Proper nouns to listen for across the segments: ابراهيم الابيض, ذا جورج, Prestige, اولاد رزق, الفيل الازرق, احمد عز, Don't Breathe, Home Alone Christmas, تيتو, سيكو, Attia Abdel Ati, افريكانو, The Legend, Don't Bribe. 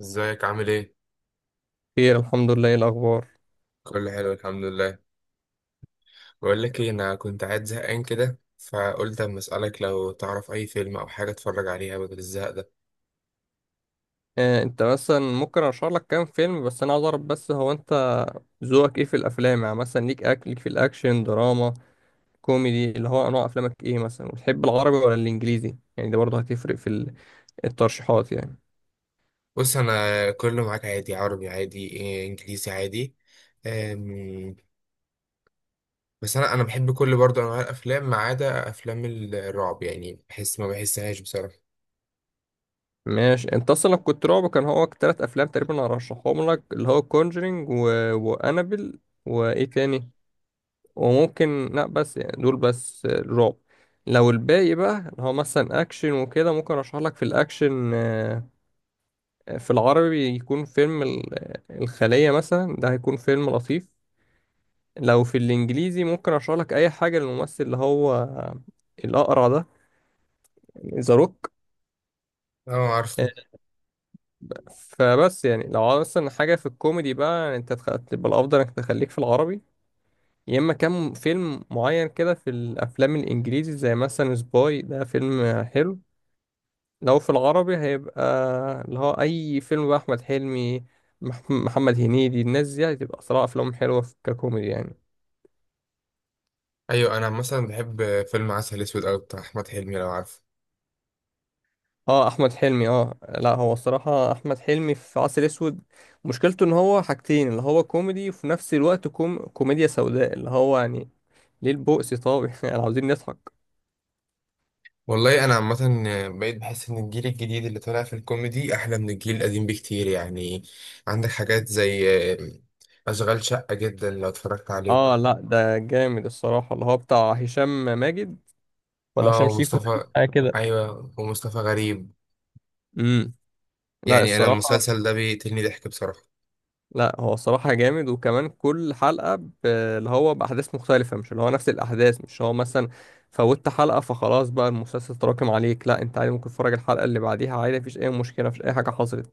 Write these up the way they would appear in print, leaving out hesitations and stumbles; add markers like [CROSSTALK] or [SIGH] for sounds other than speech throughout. ازيك عامل ايه؟ خير، الحمد لله. ايه الاخبار؟ كله حلو الحمد لله. بقول لك ايه، انا كنت قاعد زهقان كده فقلت اما اسالك لو تعرف اي فيلم او حاجه اتفرج عليها بدل الزهق ده. انت مثلا ممكن ارشح لك كام فيلم، بس انا عايز اعرف، بس هو انت ذوقك ايه في الافلام؟ يعني مثلا ليك اكل، ليك في الاكشن، دراما، كوميدي، اللي هو انواع افلامك ايه مثلا؟ وتحب العربي ولا الانجليزي؟ يعني ده برضه هتفرق في الترشيحات يعني. بص، انا كله معاك عادي، عربي عادي إيه، انجليزي عادي. أم، بس انا بحب كل برضه انواع الافلام ما عدا افلام الرعب، يعني بحس ما بحسهاش بصراحه. ماشي، انت اصلا لو كنت رعب، كان هو ثلاث افلام تقريبا هرشحهم لك، اللي هو كونجرينج وانابل، وايه تاني، وممكن. لا بس يعني دول بس الرعب. لو الباقي بقى اللي هو مثلا اكشن وكده، ممكن ارشح لك في الاكشن، في العربي يكون فيلم الخلية مثلا، ده هيكون فيلم لطيف. لو في الانجليزي، ممكن ارشح لك اي حاجة للممثل اللي هو الاقرع ده، ذا روك. اه، عارفه. فبس يعني لو عاوز مثلا حاجة في الكوميدي بقى، يعني انت تبقى الافضل انك تخليك في العربي، يا اما كام فيلم معين كده في الافلام الانجليزي، زي مثلا سباي، ده فيلم حلو. لو في العربي، هيبقى اللي هو أي فيلم بقى أحمد حلمي، محمد هنيدي، الناس دي هتبقى صراحة أفلام حلوة ككوميدي يعني. ايوه، انا مثلا بحب فيلم عسل اسود أوي بتاع احمد حلمي لو عارفه. اه أحمد حلمي، اه لا، هو الصراحة أحمد حلمي في عسل أسود مشكلته إن هو حاجتين، اللي هو كوميدي وفي نفس الوقت كوميديا سوداء، اللي هو يعني ليه البؤس؟ طب [LAUGHS] يعني عاوزين نضحك. والله انا عامه بقيت بحس ان الجيل الجديد اللي طالع في الكوميدي احلى من الجيل القديم بكتير يعني. عندك حاجات زي اشغال شقه، جدا لو اتفرجت عليه. اه لا، ده جامد الصراحة، اللي هو بتاع هشام ماجد ولا اه، هشام شيكو ده، ومصطفى. حاجة كده. ايوه، ومصطفى غريب. امم لا يعني انا الصراحة. المسلسل ده بيقتلني ضحك بصراحه. لا، هو الصراحة جامد، وكمان كل حلقة اللي هو بأحداث مختلفة، مش اللي هو نفس الأحداث، مش هو مثلا فوتت حلقة فخلاص بقى المسلسل تراكم عليك، لا، أنت عادي ممكن تتفرج الحلقة اللي بعديها عادي، مفيش أي مشكلة، مفيش أي حاجة حصلت.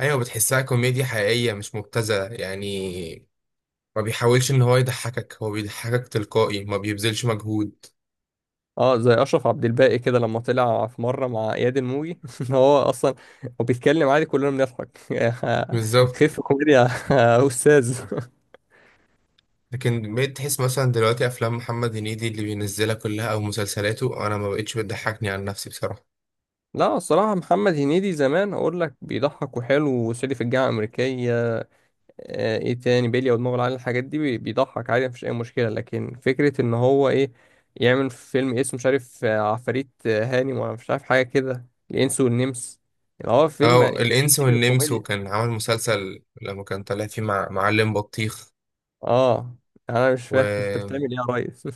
ايوه، بتحسها كوميديا حقيقيه مش مبتذله يعني، ما بيحاولش ان هو يضحكك، هو بيضحكك تلقائي، ما بيبذلش مجهود. اه، زي أشرف عبد الباقي كده لما طلع في مرة مع إياد الموجي [LAUGHS] إن هو أصلا هو بيتكلم عادي كلنا بنضحك. [LAUGHS] بالظبط. خف كوميديا يا أستاذ. لكن بقيت تحس مثلا دلوقتي افلام محمد هنيدي اللي بينزلها كلها او مسلسلاته، انا ما بقتش بتضحكني عن نفسي بصراحه. لا الصراحة، محمد هنيدي زمان أقول لك بيضحك وحلو، وصعيدي في الجامعة الأمريكية، ايه تاني بيليا ودماغه العالي، الحاجات دي بيضحك عادي، مفيش اي مشكله، لكن فكره ان هو ايه، يعمل فيلم اسمه مش عارف عفاريت، هاني، ولا مش عارف حاجه كده، الانس والنمس، يعني هو فيلم او يعني الانس فيلم والنمس، الكوميديا. وكان عامل مسلسل لما كان طالع فيه مع معلم بطيخ اه انا مش و... فاهم، [LAUGHS] انت بتعمل ايه يا ريس؟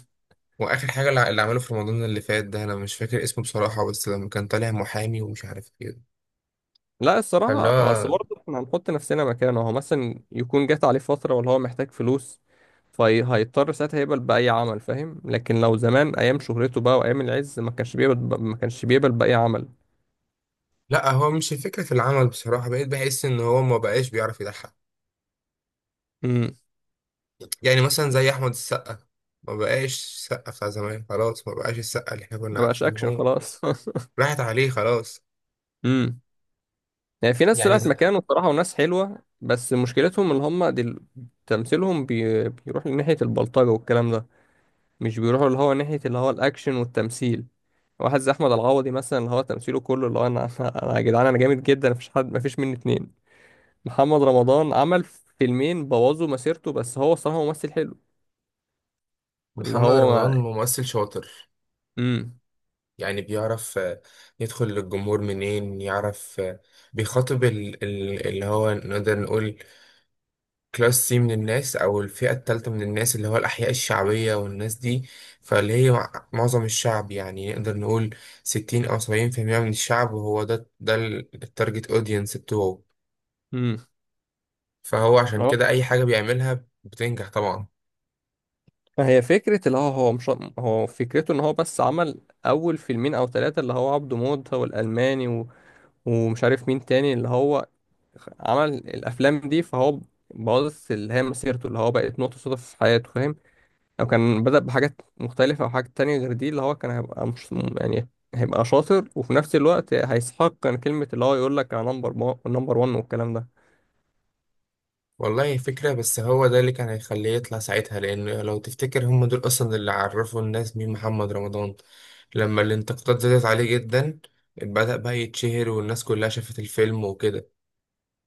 واخر حاجه اللي عمله في رمضان اللي فات ده انا مش فاكر اسمه بصراحه، بس لما كان طالع محامي ومش عارف ايه. [LAUGHS] لا فاللي الصراحه، اصل هو برضه احنا هنحط نفسنا مكانه، هو مثلا يكون جات عليه فتره، ولا هو محتاج فلوس، فهيضطر ساعتها يقبل بأي عمل، فاهم. لكن لو زمان أيام شهرته بقى وأيام العز، ما كانش بيقبل، ما كانش بيقبل بأي عمل. لا، هو مش الفكره في العمل بصراحه، بقيت بحس ان هو ما بقاش بيعرف يضحك. يعني مثلا زي احمد السقا، ما بقاش السقا بتاع زمان، خلاص ما بقاش السقا اللي احنا كنا ما بقاش عارفينه اكشن هو. خلاص. [LAUGHS] راحت عليه خلاص. امم يعني في ناس يعني طلعت ز- مكانه بصراحه، وناس حلوه، بس مشكلتهم اللي هم تمثيلهم بيروح لناحيه البلطجه والكلام ده، مش بيروحوا اللي هو ناحيه اللي هو الاكشن والتمثيل. واحد زي احمد العوضي مثلا، اللي هو تمثيله كله اللي هو انا، [LAUGHS] انا يا جدعان، انا جامد جدا، مفيش حد، مفيش مني اتنين. محمد رمضان عمل فيلمين بوظوا مسيرته، بس هو الصراحه ممثل حلو. اللي محمد هو رمضان ممثل شاطر، امم يعني بيعرف يدخل للجمهور منين، يعرف بيخاطب اللي هو نقدر نقول كلاس سي من الناس، او الفئة التالتة من الناس، اللي هو الأحياء الشعبية والناس دي. فاللي هي معظم الشعب، يعني نقدر نقول 60 أو 70% من الشعب، وهو ده التارجت اودينس بتوعه. امم فهو عشان كده أي حاجة بيعملها بتنجح طبعا. ما هي فكرة اللي هو مش، هو فكرته ان هو بس عمل اول فيلمين او ثلاثة اللي هو عبده موتة والالماني ومش عارف مين تاني اللي هو عمل الافلام دي، فهو باظت اللي هي مسيرته، اللي هو بقت نقطة صدف في حياته، فاهم. لو كان بدأ بحاجات مختلفة او حاجات تانية غير دي، اللي هو كان هيبقى مش يعني، هيبقى شاطر وفي نفس الوقت هيستحق كان كلمة اللي هو يقول لك انا نمبر 1 والكلام ده. والله فكرة، بس هو ده اللي كان هيخليه يطلع ساعتها، لأن لو تفتكر هم دول أصلا اللي عرفوا الناس مين محمد رمضان. لما الانتقادات زادت عليه جدا بدأ بقى يتشهر، والناس كلها شافت الفيلم وكده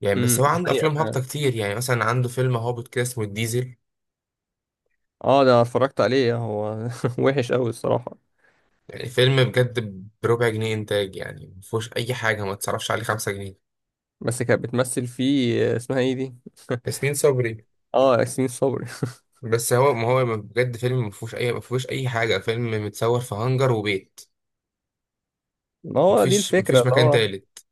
يعني. بس هو دي عنده حقيقة أفلام هابطة فعلا. كتير، يعني مثلا عنده فيلم هابط كده اسمه الديزل. اه ده أنا اتفرجت عليه، هو [LAUGHS] وحش قوي الصراحة. يعني فيلم بجد بربع جنيه إنتاج، يعني مفهوش أي حاجة، ما تصرفش عليه 5 جنيه. بس كانت بتمثل فيه اسمها ايه دي؟ ياسمين صبري. اه ياسمين صبري. [LAUGHS] بس هو ما هو بجد فيلم مفهوش أي مفهوش أي حاجة، فيلم متصور في هانجر وبيت، ما هو دي مفيش الفكرة، مفيش اللي مكان هو تالت.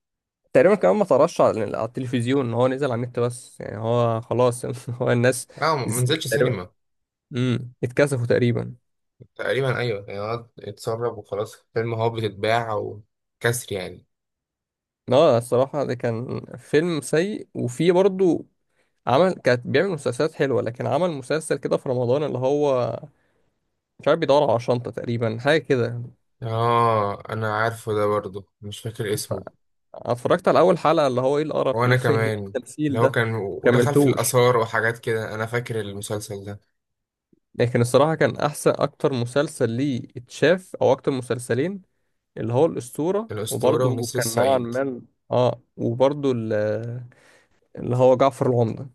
تقريبا كمان ما طرش على التلفزيون، هو نزل على النت بس يعني، هو خلاص [LAUGHS] هو الناس اه ما نزلتش تقريبا. سينما. اتكسفوا تقريبا. تقريبا ايوه، يعني قعد اتسرب وخلاص، فيلم هو بتتباع وكسر يعني. اه الصراحة، ده كان فيلم سيء، وفيه برضه عمل، كانت بيعمل مسلسلات حلوة، لكن عمل مسلسل كده في رمضان اللي هو مش عارف بيدور على شنطة تقريبا، حاجة كده، اه، انا عارفه ده، برضو مش فاكر ف- اسمه. اتفرجت على أول حلقة اللي هو ايه وانا القرف، [LAUGHS] ايه كمان، اللي التمثيل هو ده، كان ودخل في مكملتوش. الاثار وحاجات كده، انا فاكر المسلسل ده. لكن الصراحة كان أحسن أكتر مسلسل ليه اتشاف، أو أكتر مسلسلين، اللي هو الأسطورة، الاسطوره وبرضه ونسر كان نوعا الصعيد، ما. اه وبرضه اللي هو جعفر العمدة.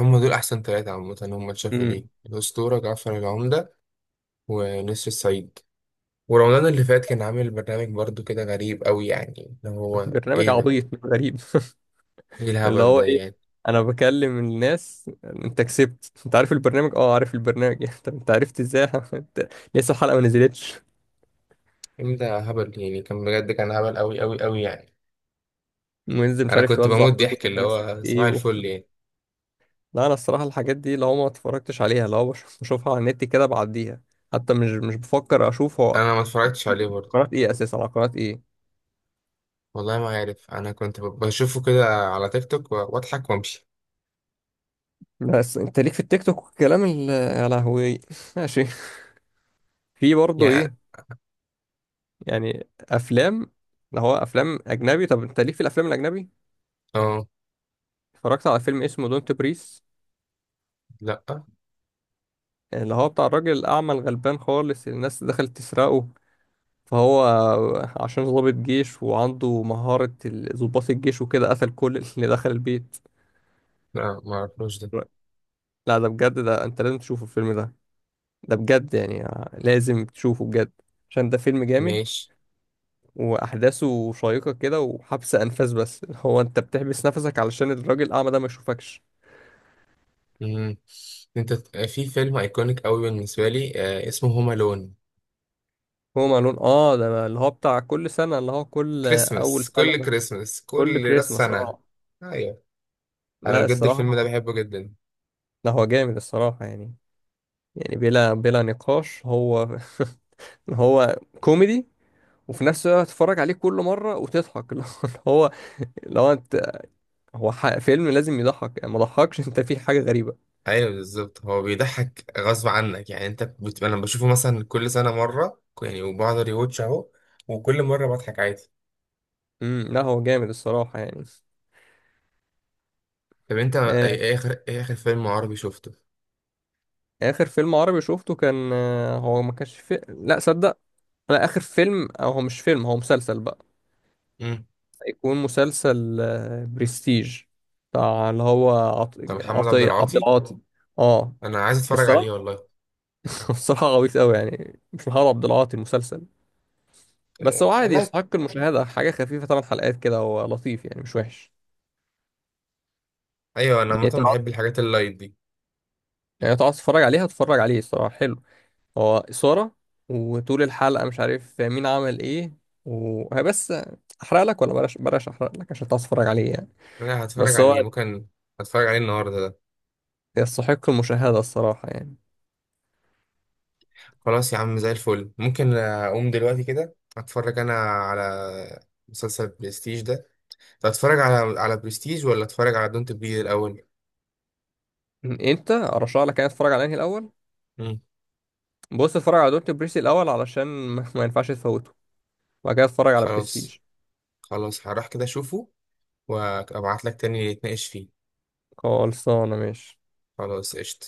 هم دول احسن ثلاثه عامه هم اتشافوا ليه، امم. الاسطوره، جعفر العمده، ونسر الصعيد. ورمضان اللي فات كان عامل برنامج برضو كده غريب قوي، يعني اللي هو برنامج ايه ده، عبيط غريب. ايه [LAUGHS] اللي الهبل هو ده إيه، يعني. أنا بكلم الناس أنت كسبت، أنت عارف البرنامج؟ اه عارف البرنامج. [LAUGHS] أنت عرفت إزاي؟ [LAUGHS] أنت لسه الحلقة ما نزلتش. الفيلم ده هبل يعني، كان بجد كان هبل أوي أوي أوي يعني. وينزل مش أنا عارف كنت يوزع بموت فلوس، ضحك، أنت اللي نفسك هو في صباح إيه؟ الفل يعني. لا انا الصراحه الحاجات دي لو ما اتفرجتش عليها، لو بشوفها على النت كده بعديها، حتى مش بفكر اشوف. هو أنا ما اتفرجتش عليه برضه. قناه ايه اساسا، على قناه ايه؟ والله ما عارف، أنا كنت بشوفه كده على تيك توك وأضحك وأمشي بس انت ليك في التيك توك والكلام يا لهوي. [LAUGHS] ماشي. في برضه ايه، يعني. يعني افلام، اللي هو افلام اجنبي؟ طب انت ليك في الافلام الاجنبي؟ أه. اتفرجت على فيلم اسمه دونت بريس، لأ اللي هو بتاع الراجل الاعمى الغلبان خالص، اللي الناس دخلت تسرقه، فهو عشان ضابط جيش وعنده مهارة ضباط الجيش وكده، قتل كل اللي دخل البيت. لأ، ما أعرفوش ده. لا ده بجد، ده انت لازم تشوفه الفيلم ده، ده بجد يعني، لازم تشوفه بجد، عشان ده فيلم جامد، ماشي. واحداثه شيقة كده وحبس انفاس، بس [LAUGHS] هو انت بتحبس نفسك علشان الراجل الاعمى ده ما يشوفكش. مم. في فيلم أيكونيك أوي بالنسبة لي آه اسمه هوم ألون. هو معلون، اه ده اللي هو بتاع كل سنة، اللي هو كل اول كريسماس، سنة كل ده، كريسماس، كل كل راس كريسماس، سنة. اه. أيوه. أنا لا بجد الفيلم ده الصراحة، بحبه جدا. لا هو جامد الصراحة، يعني بلا نقاش. هو [LAUGHS] هو كوميدي وفي نفس الوقت تتفرج عليه كل مرة وتضحك. [LAUGHS] اللي هو لو انت، هو فيلم لازم يضحك، يعني ما ضحكش، [LAUGHS] انت فيه حاجة غريبة. ايوه بالظبط، هو بيضحك غصب عنك يعني. انا بشوفه مثلا كل سنه مره يعني، وبقعد ريواتش اهو، وكل مره بضحك عادي. لا هو جامد الصراحة يعني. طب انت ايه، آه، إيه اخر ايه اخر فيلم عربي شفته؟ آخر فيلم عربي شفته كان، هو ما كانش لا صدق، لا آخر فيلم، أو هو مش فيلم، هو مسلسل بقى، امم. يكون مسلسل برستيج، بتاع اللي هو عط... طب محمد عبد عطية عبد العاطي، العاطي. اه انا عايز اتفرج عليه الصراحة. والله. [LAUGHS] الصراحة غويط أوي، يعني مش محمد عبد العاطي المسلسل، بس هو إيه، عادي لايت. يستحق المشاهدة، حاجة خفيفة، ثمان حلقات كده، هو لطيف يعني، مش وحش. ايوه انا يعني عامه تقعد، بحب الحاجات اللايت دي. يعني تقعد تتفرج عليها، تتفرج عليه الصراحة حلو، هو إثارة، وطول الحلقة مش عارف مين عمل إيه، وهي بس. أحرق لك ولا بلاش، بلاش أحرق لك عشان تعرف تتفرج عليه يعني، انا هتفرج بس هو عليه ممكن، هتفرج عليه النهارده ده. يستحق المشاهدة الصراحة يعني. خلاص يا عم، زي الفل، ممكن اقوم دلوقتي كده اتفرج انا على مسلسل برستيج ده. طب اتفرج على برستيج ولا اتفرج على دونت بريد الاول؟ أنت أرشح لك يعني تتفرج على أنهي الأول؟ مم. بص، اتفرج على دونت بريسي الأول علشان ما ينفعش تفوته، وبعد كده اتفرج على بريستيج. خلاص. خلاص هروح كده اشوفه وابعت لك تاني نتناقش فيه. خلصانة ماشي. خلاص قشطة.